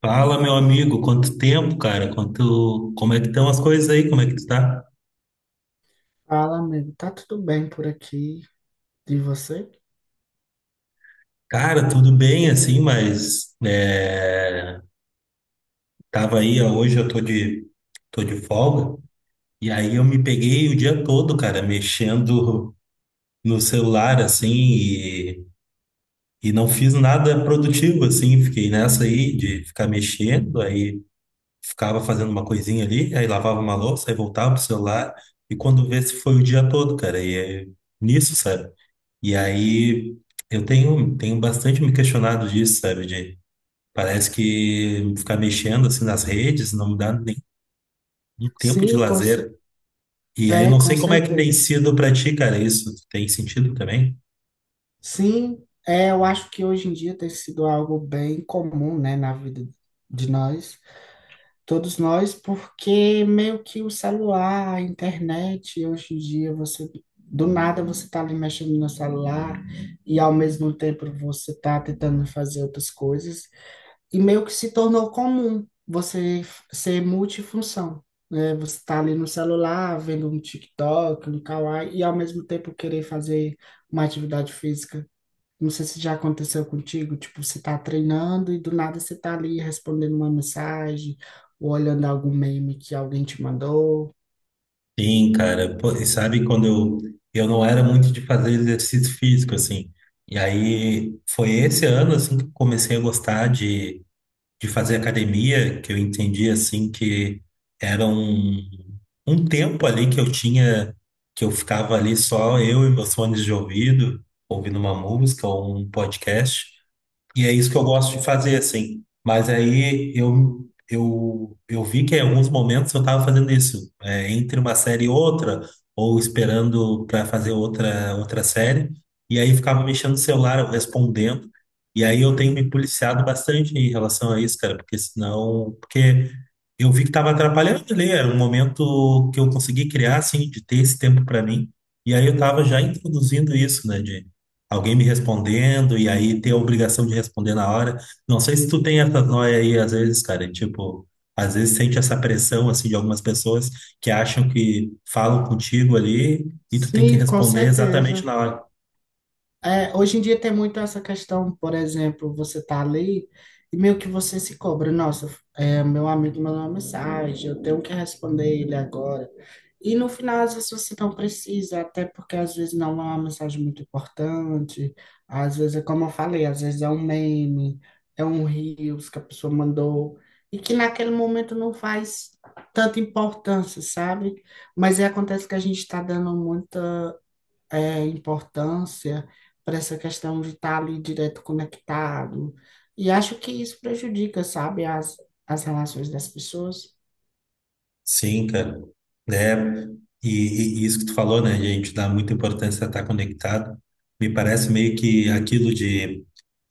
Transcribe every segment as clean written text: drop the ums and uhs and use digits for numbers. Fala, meu amigo, quanto tempo, cara? Como é que estão as coisas aí? Como é que tu tá? Fala, amigo. Tá tudo bem por aqui de você? Cara, tudo bem assim, tava aí, ó, hoje eu tô de folga e aí eu me peguei o dia todo, cara, mexendo no celular assim, e não fiz nada produtivo assim, fiquei nessa aí de ficar mexendo aí, ficava fazendo uma coisinha ali, aí lavava uma louça, aí voltava pro celular, e quando vê se foi o dia todo, cara, e é nisso, sabe? E aí tenho bastante me questionado disso, sabe? Parece que ficar mexendo assim nas redes não me dá nem um tempo de Sim, com, cer- lazer. E aí é, não com sei como é que tem certeza. sido pra ti, cara, isso. Tem sentido também? Sim, é, eu acho que hoje em dia tem sido algo bem comum, né, na vida de nós, todos nós, porque meio que o celular, a internet, hoje em dia você do nada você tá ali mexendo no celular e ao mesmo tempo você tá tentando fazer outras coisas. E meio que se tornou comum ser multifunção, né? Você tá ali no celular, vendo um TikTok, um Kawaii, e ao mesmo tempo querer fazer uma atividade física. Não sei se já aconteceu contigo, tipo, você tá treinando e do nada você tá ali respondendo uma mensagem, ou olhando algum meme que alguém te mandou. Sim, cara. Pô, e sabe eu não era muito de fazer exercício físico, assim. E aí foi esse ano, assim, que eu comecei a gostar de fazer academia, que eu entendi, assim, que era um, um tempo ali que eu tinha, que eu ficava ali só eu e meus fones de ouvido, ouvindo uma música ou um podcast. E é isso que eu gosto de fazer, assim. Mas aí eu vi que em alguns momentos eu estava fazendo isso entre uma série e outra, ou esperando para fazer outra série, e aí ficava mexendo no celular, eu respondendo. E aí eu tenho me policiado bastante em relação a isso, cara, porque senão. Porque eu vi que estava atrapalhando ali, era um momento que eu consegui criar, assim, de ter esse tempo para mim. E aí eu estava já introduzindo isso, né, de alguém me respondendo e aí ter a obrigação de responder na hora. Não sei se tu tem essa noia aí às vezes, cara, tipo, às vezes sente essa pressão assim de algumas pessoas que acham que falam contigo ali e tu tem que Sim, com responder exatamente certeza. na hora. É, hoje em dia tem muito essa questão, por exemplo, você tá ali e meio que você se cobra, nossa, é, meu amigo mandou uma mensagem, eu tenho que responder ele agora. E no final, às vezes você não precisa, até porque às vezes não é uma mensagem muito importante, às vezes é como eu falei, às vezes é um meme, é um reels que a pessoa mandou, e que naquele momento não faz tanta importância, sabe? Mas aí acontece que a gente está dando muita importância para essa questão de estar ali direto conectado. E acho que isso prejudica, sabe, as relações das pessoas. Sim, cara. É, e isso que tu falou, né, gente, dá muita importância a estar conectado. Me parece meio que aquilo de,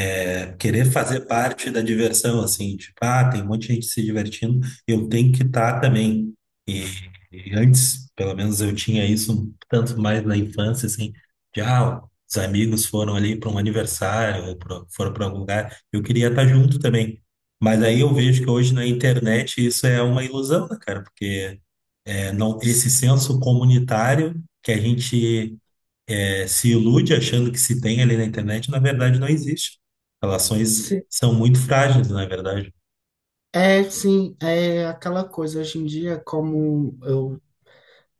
é, querer fazer parte da diversão, assim, tipo, ah, tem um monte de gente se divertindo, eu tenho que estar também. E, e antes, pelo menos eu tinha isso um tanto mais na infância, assim, ah, os amigos foram ali para um aniversário, ou foram para algum lugar, eu queria estar junto também. Mas aí eu vejo que hoje na internet isso é uma ilusão, né, cara? Porque não, esse S- senso comunitário que a gente se ilude achando que se tem ali na internet, na verdade não existe. Relações se- são muito frágeis, na verdade. É, sim, é aquela coisa hoje em dia, como eu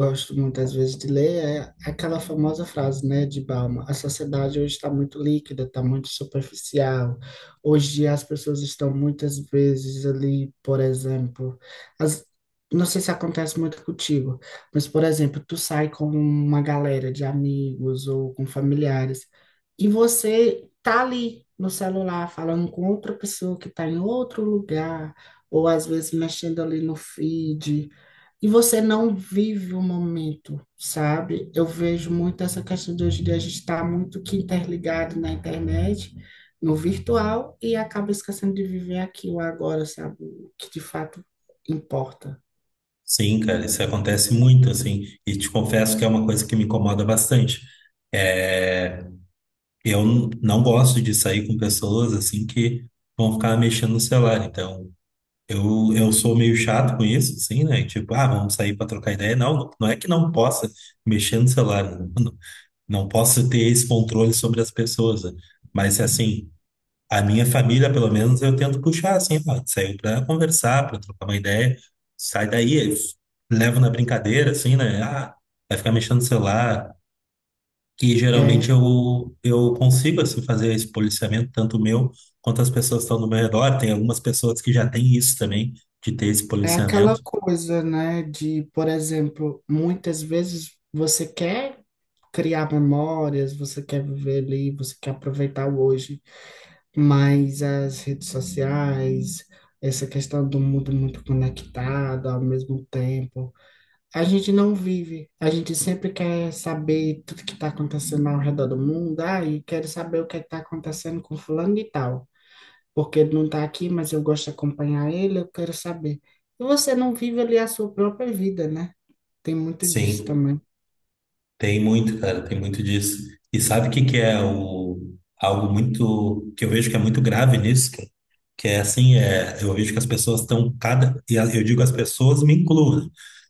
gosto muitas vezes de ler, é aquela famosa frase, né, de Balma: a sociedade hoje está muito líquida, está muito superficial. Hoje as pessoas estão muitas vezes ali, por exemplo, as, não sei se acontece muito contigo, mas por exemplo, tu sai com uma galera de amigos ou com familiares e você tá ali no celular falando com outra pessoa que está em outro lugar, ou às vezes mexendo ali no feed, e você não vive o momento, sabe? Eu vejo muito essa questão de hoje em dia a gente está muito que interligado na internet, no virtual, e acaba esquecendo de viver aqui o agora, sabe? O que de fato importa. Sim, cara, isso acontece muito, assim, e te confesso que é uma coisa que me incomoda bastante. É, eu não gosto de sair com pessoas, assim, que vão ficar mexendo no celular, então eu sou meio chato com isso, assim, né? Tipo, ah, vamos sair para trocar ideia. Não, não, não é que não possa mexer no celular, né? Não, não posso ter esse controle sobre as pessoas, né? Mas assim, a minha família, pelo menos, eu tento puxar assim, ó, saiu para conversar, para trocar uma ideia, sai daí, eu levo na brincadeira, assim, né? Ah, vai ficar mexendo no celular. E É, geralmente eu consigo, assim, fazer esse policiamento, tanto meu quanto as pessoas que estão no meu redor. Tem algumas pessoas que já têm isso também, de ter esse é aquela policiamento. coisa, né, de, por exemplo, muitas vezes você quer criar memórias, você quer viver ali, você quer aproveitar o hoje. Mas as redes sociais, essa questão do mundo muito conectado ao mesmo tempo, a gente não vive. A gente sempre quer saber tudo que está acontecendo ao redor do mundo. Ah, e quero saber o que está acontecendo com fulano e tal. Porque ele não está aqui, mas eu gosto de acompanhar ele, eu quero saber. E você não vive ali a sua própria vida, né? Tem muito disso Sim. também. Tem muito, cara, tem muito disso. E sabe o que que é, algo muito, que eu vejo que é muito grave nisso, cara? Que é assim, é, eu vejo que as pessoas estão eu digo as pessoas, me incluo, né?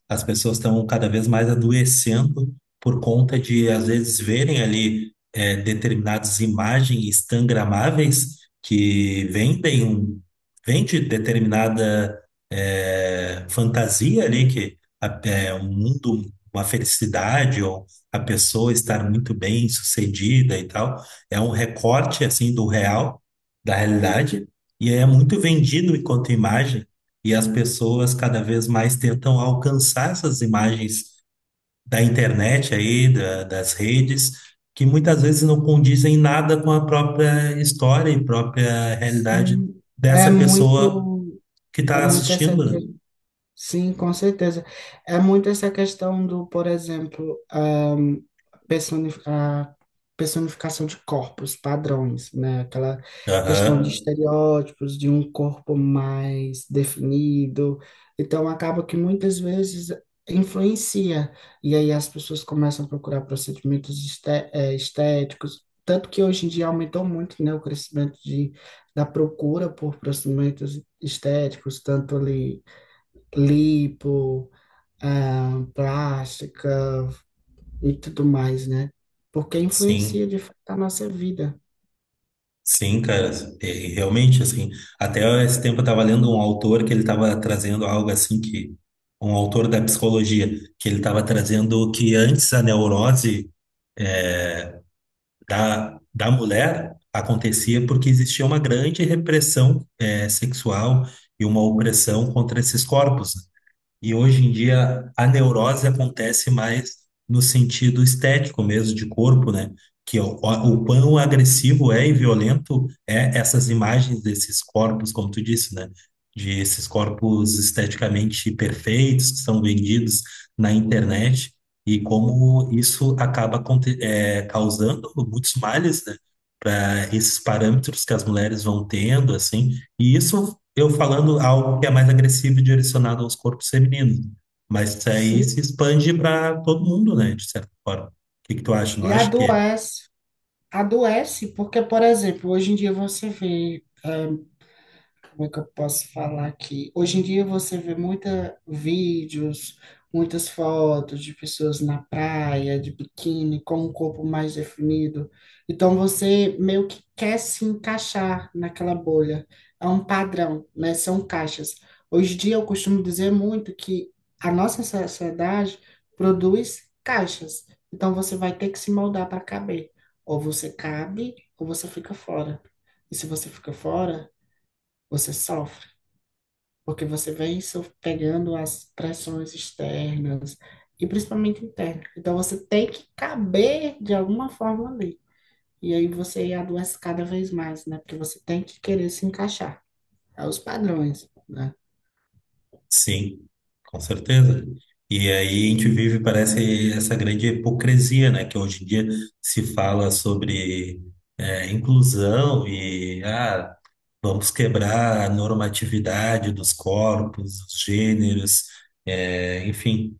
As pessoas estão cada vez mais adoecendo por conta de, às vezes, verem ali, é, determinadas imagens instagramáveis que vendem vende determinada, é, fantasia ali, é um mundo, uma felicidade ou a pessoa estar muito bem sucedida e tal. É um recorte assim do real, da realidade, e é muito vendido enquanto imagem, e as pessoas cada vez mais tentam alcançar essas imagens da internet aí, das redes, que muitas vezes não condizem nada com a própria história e própria realidade Sim, é dessa pessoa muito, que é está muito essa assistindo. Sim, com certeza. É muito essa questão do, por exemplo, a personificação de corpos, padrões, né? Aquela Né? questão de Aham, estereótipos, de um corpo mais definido. Então, acaba que muitas vezes influencia. E aí as pessoas começam a procurar procedimentos estéticos. Tanto que hoje em dia aumentou muito, né, o crescimento de, da procura por procedimentos estéticos, tanto ali lipo, ah, plástica e tudo mais, né? Porque influencia de sim. fato a nossa vida. Sim, cara, é, realmente, assim, até esse tempo eu estava lendo um autor que ele estava trazendo algo assim que, um autor da psicologia, que ele estava trazendo que antes a neurose da mulher acontecia porque existia uma grande repressão, é, sexual e uma opressão contra esses corpos, né? E hoje em dia a neurose acontece mais no sentido estético mesmo, de corpo, né? O quão agressivo é e violento é essas imagens desses corpos, como tu disse, né? De esses corpos esteticamente perfeitos que são vendidos na internet e como isso acaba causando muitos males, né? Para esses parâmetros que as mulheres vão tendo, assim, e isso eu falando algo que é mais agressivo e direcionado aos corpos femininos, né? Mas isso aí Sim. se expande para todo mundo, né, de certa forma. O que que tu acha? Não E acha que é? adoece. Adoece porque, por exemplo, hoje em dia você vê, como é que eu posso falar aqui? Hoje em dia você vê muita vídeos, muitas fotos de pessoas na praia, de biquíni, com um corpo mais definido. Então você meio que quer se encaixar naquela bolha. É um padrão, né? São caixas. Hoje em dia eu costumo dizer muito que a nossa sociedade produz caixas. Então você vai ter que se moldar para caber. Ou você cabe, ou você fica fora. E se você fica fora, você sofre porque você vem pegando as pressões externas e principalmente internas. Então você tem que caber de alguma forma ali. E aí você adoece cada vez mais, né? Porque você tem que querer se encaixar aos padrões, né? Sim, com certeza. E aí a gente vive, parece, essa grande hipocrisia, né, que hoje em dia se fala sobre, é, inclusão e, ah, vamos quebrar a normatividade dos corpos, dos gêneros, é, enfim.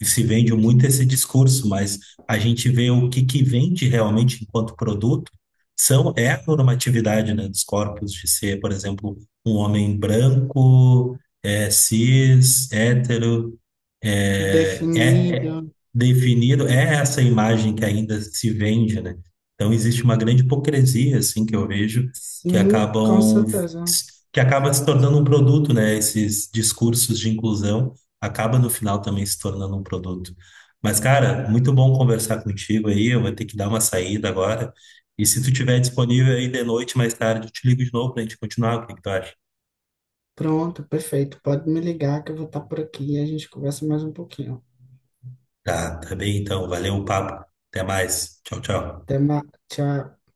E se vende muito esse discurso, mas a gente vê o que que vende realmente enquanto produto são, é, a normatividade, né, dos corpos de ser, por exemplo, um homem branco, é, cis, hétero, Definido. é definido, é essa imagem que ainda se vende, né? Então existe uma grande hipocrisia, assim, que eu vejo, que Sim, com acabam certeza. que acaba se tornando um produto, né, esses discursos de inclusão acaba no final também se tornando um produto. Mas, cara, muito bom conversar contigo aí. Eu vou ter que dar uma saída agora. E se tu tiver disponível aí de noite, mais tarde, eu te ligo de novo pra gente continuar. O que que tu acha? Pronto, perfeito. Pode me ligar que eu vou estar por aqui e a gente conversa mais um pouquinho. Tá, tá bem então. Valeu o papo. Até mais. Tchau, tchau. Até mais. Tchau.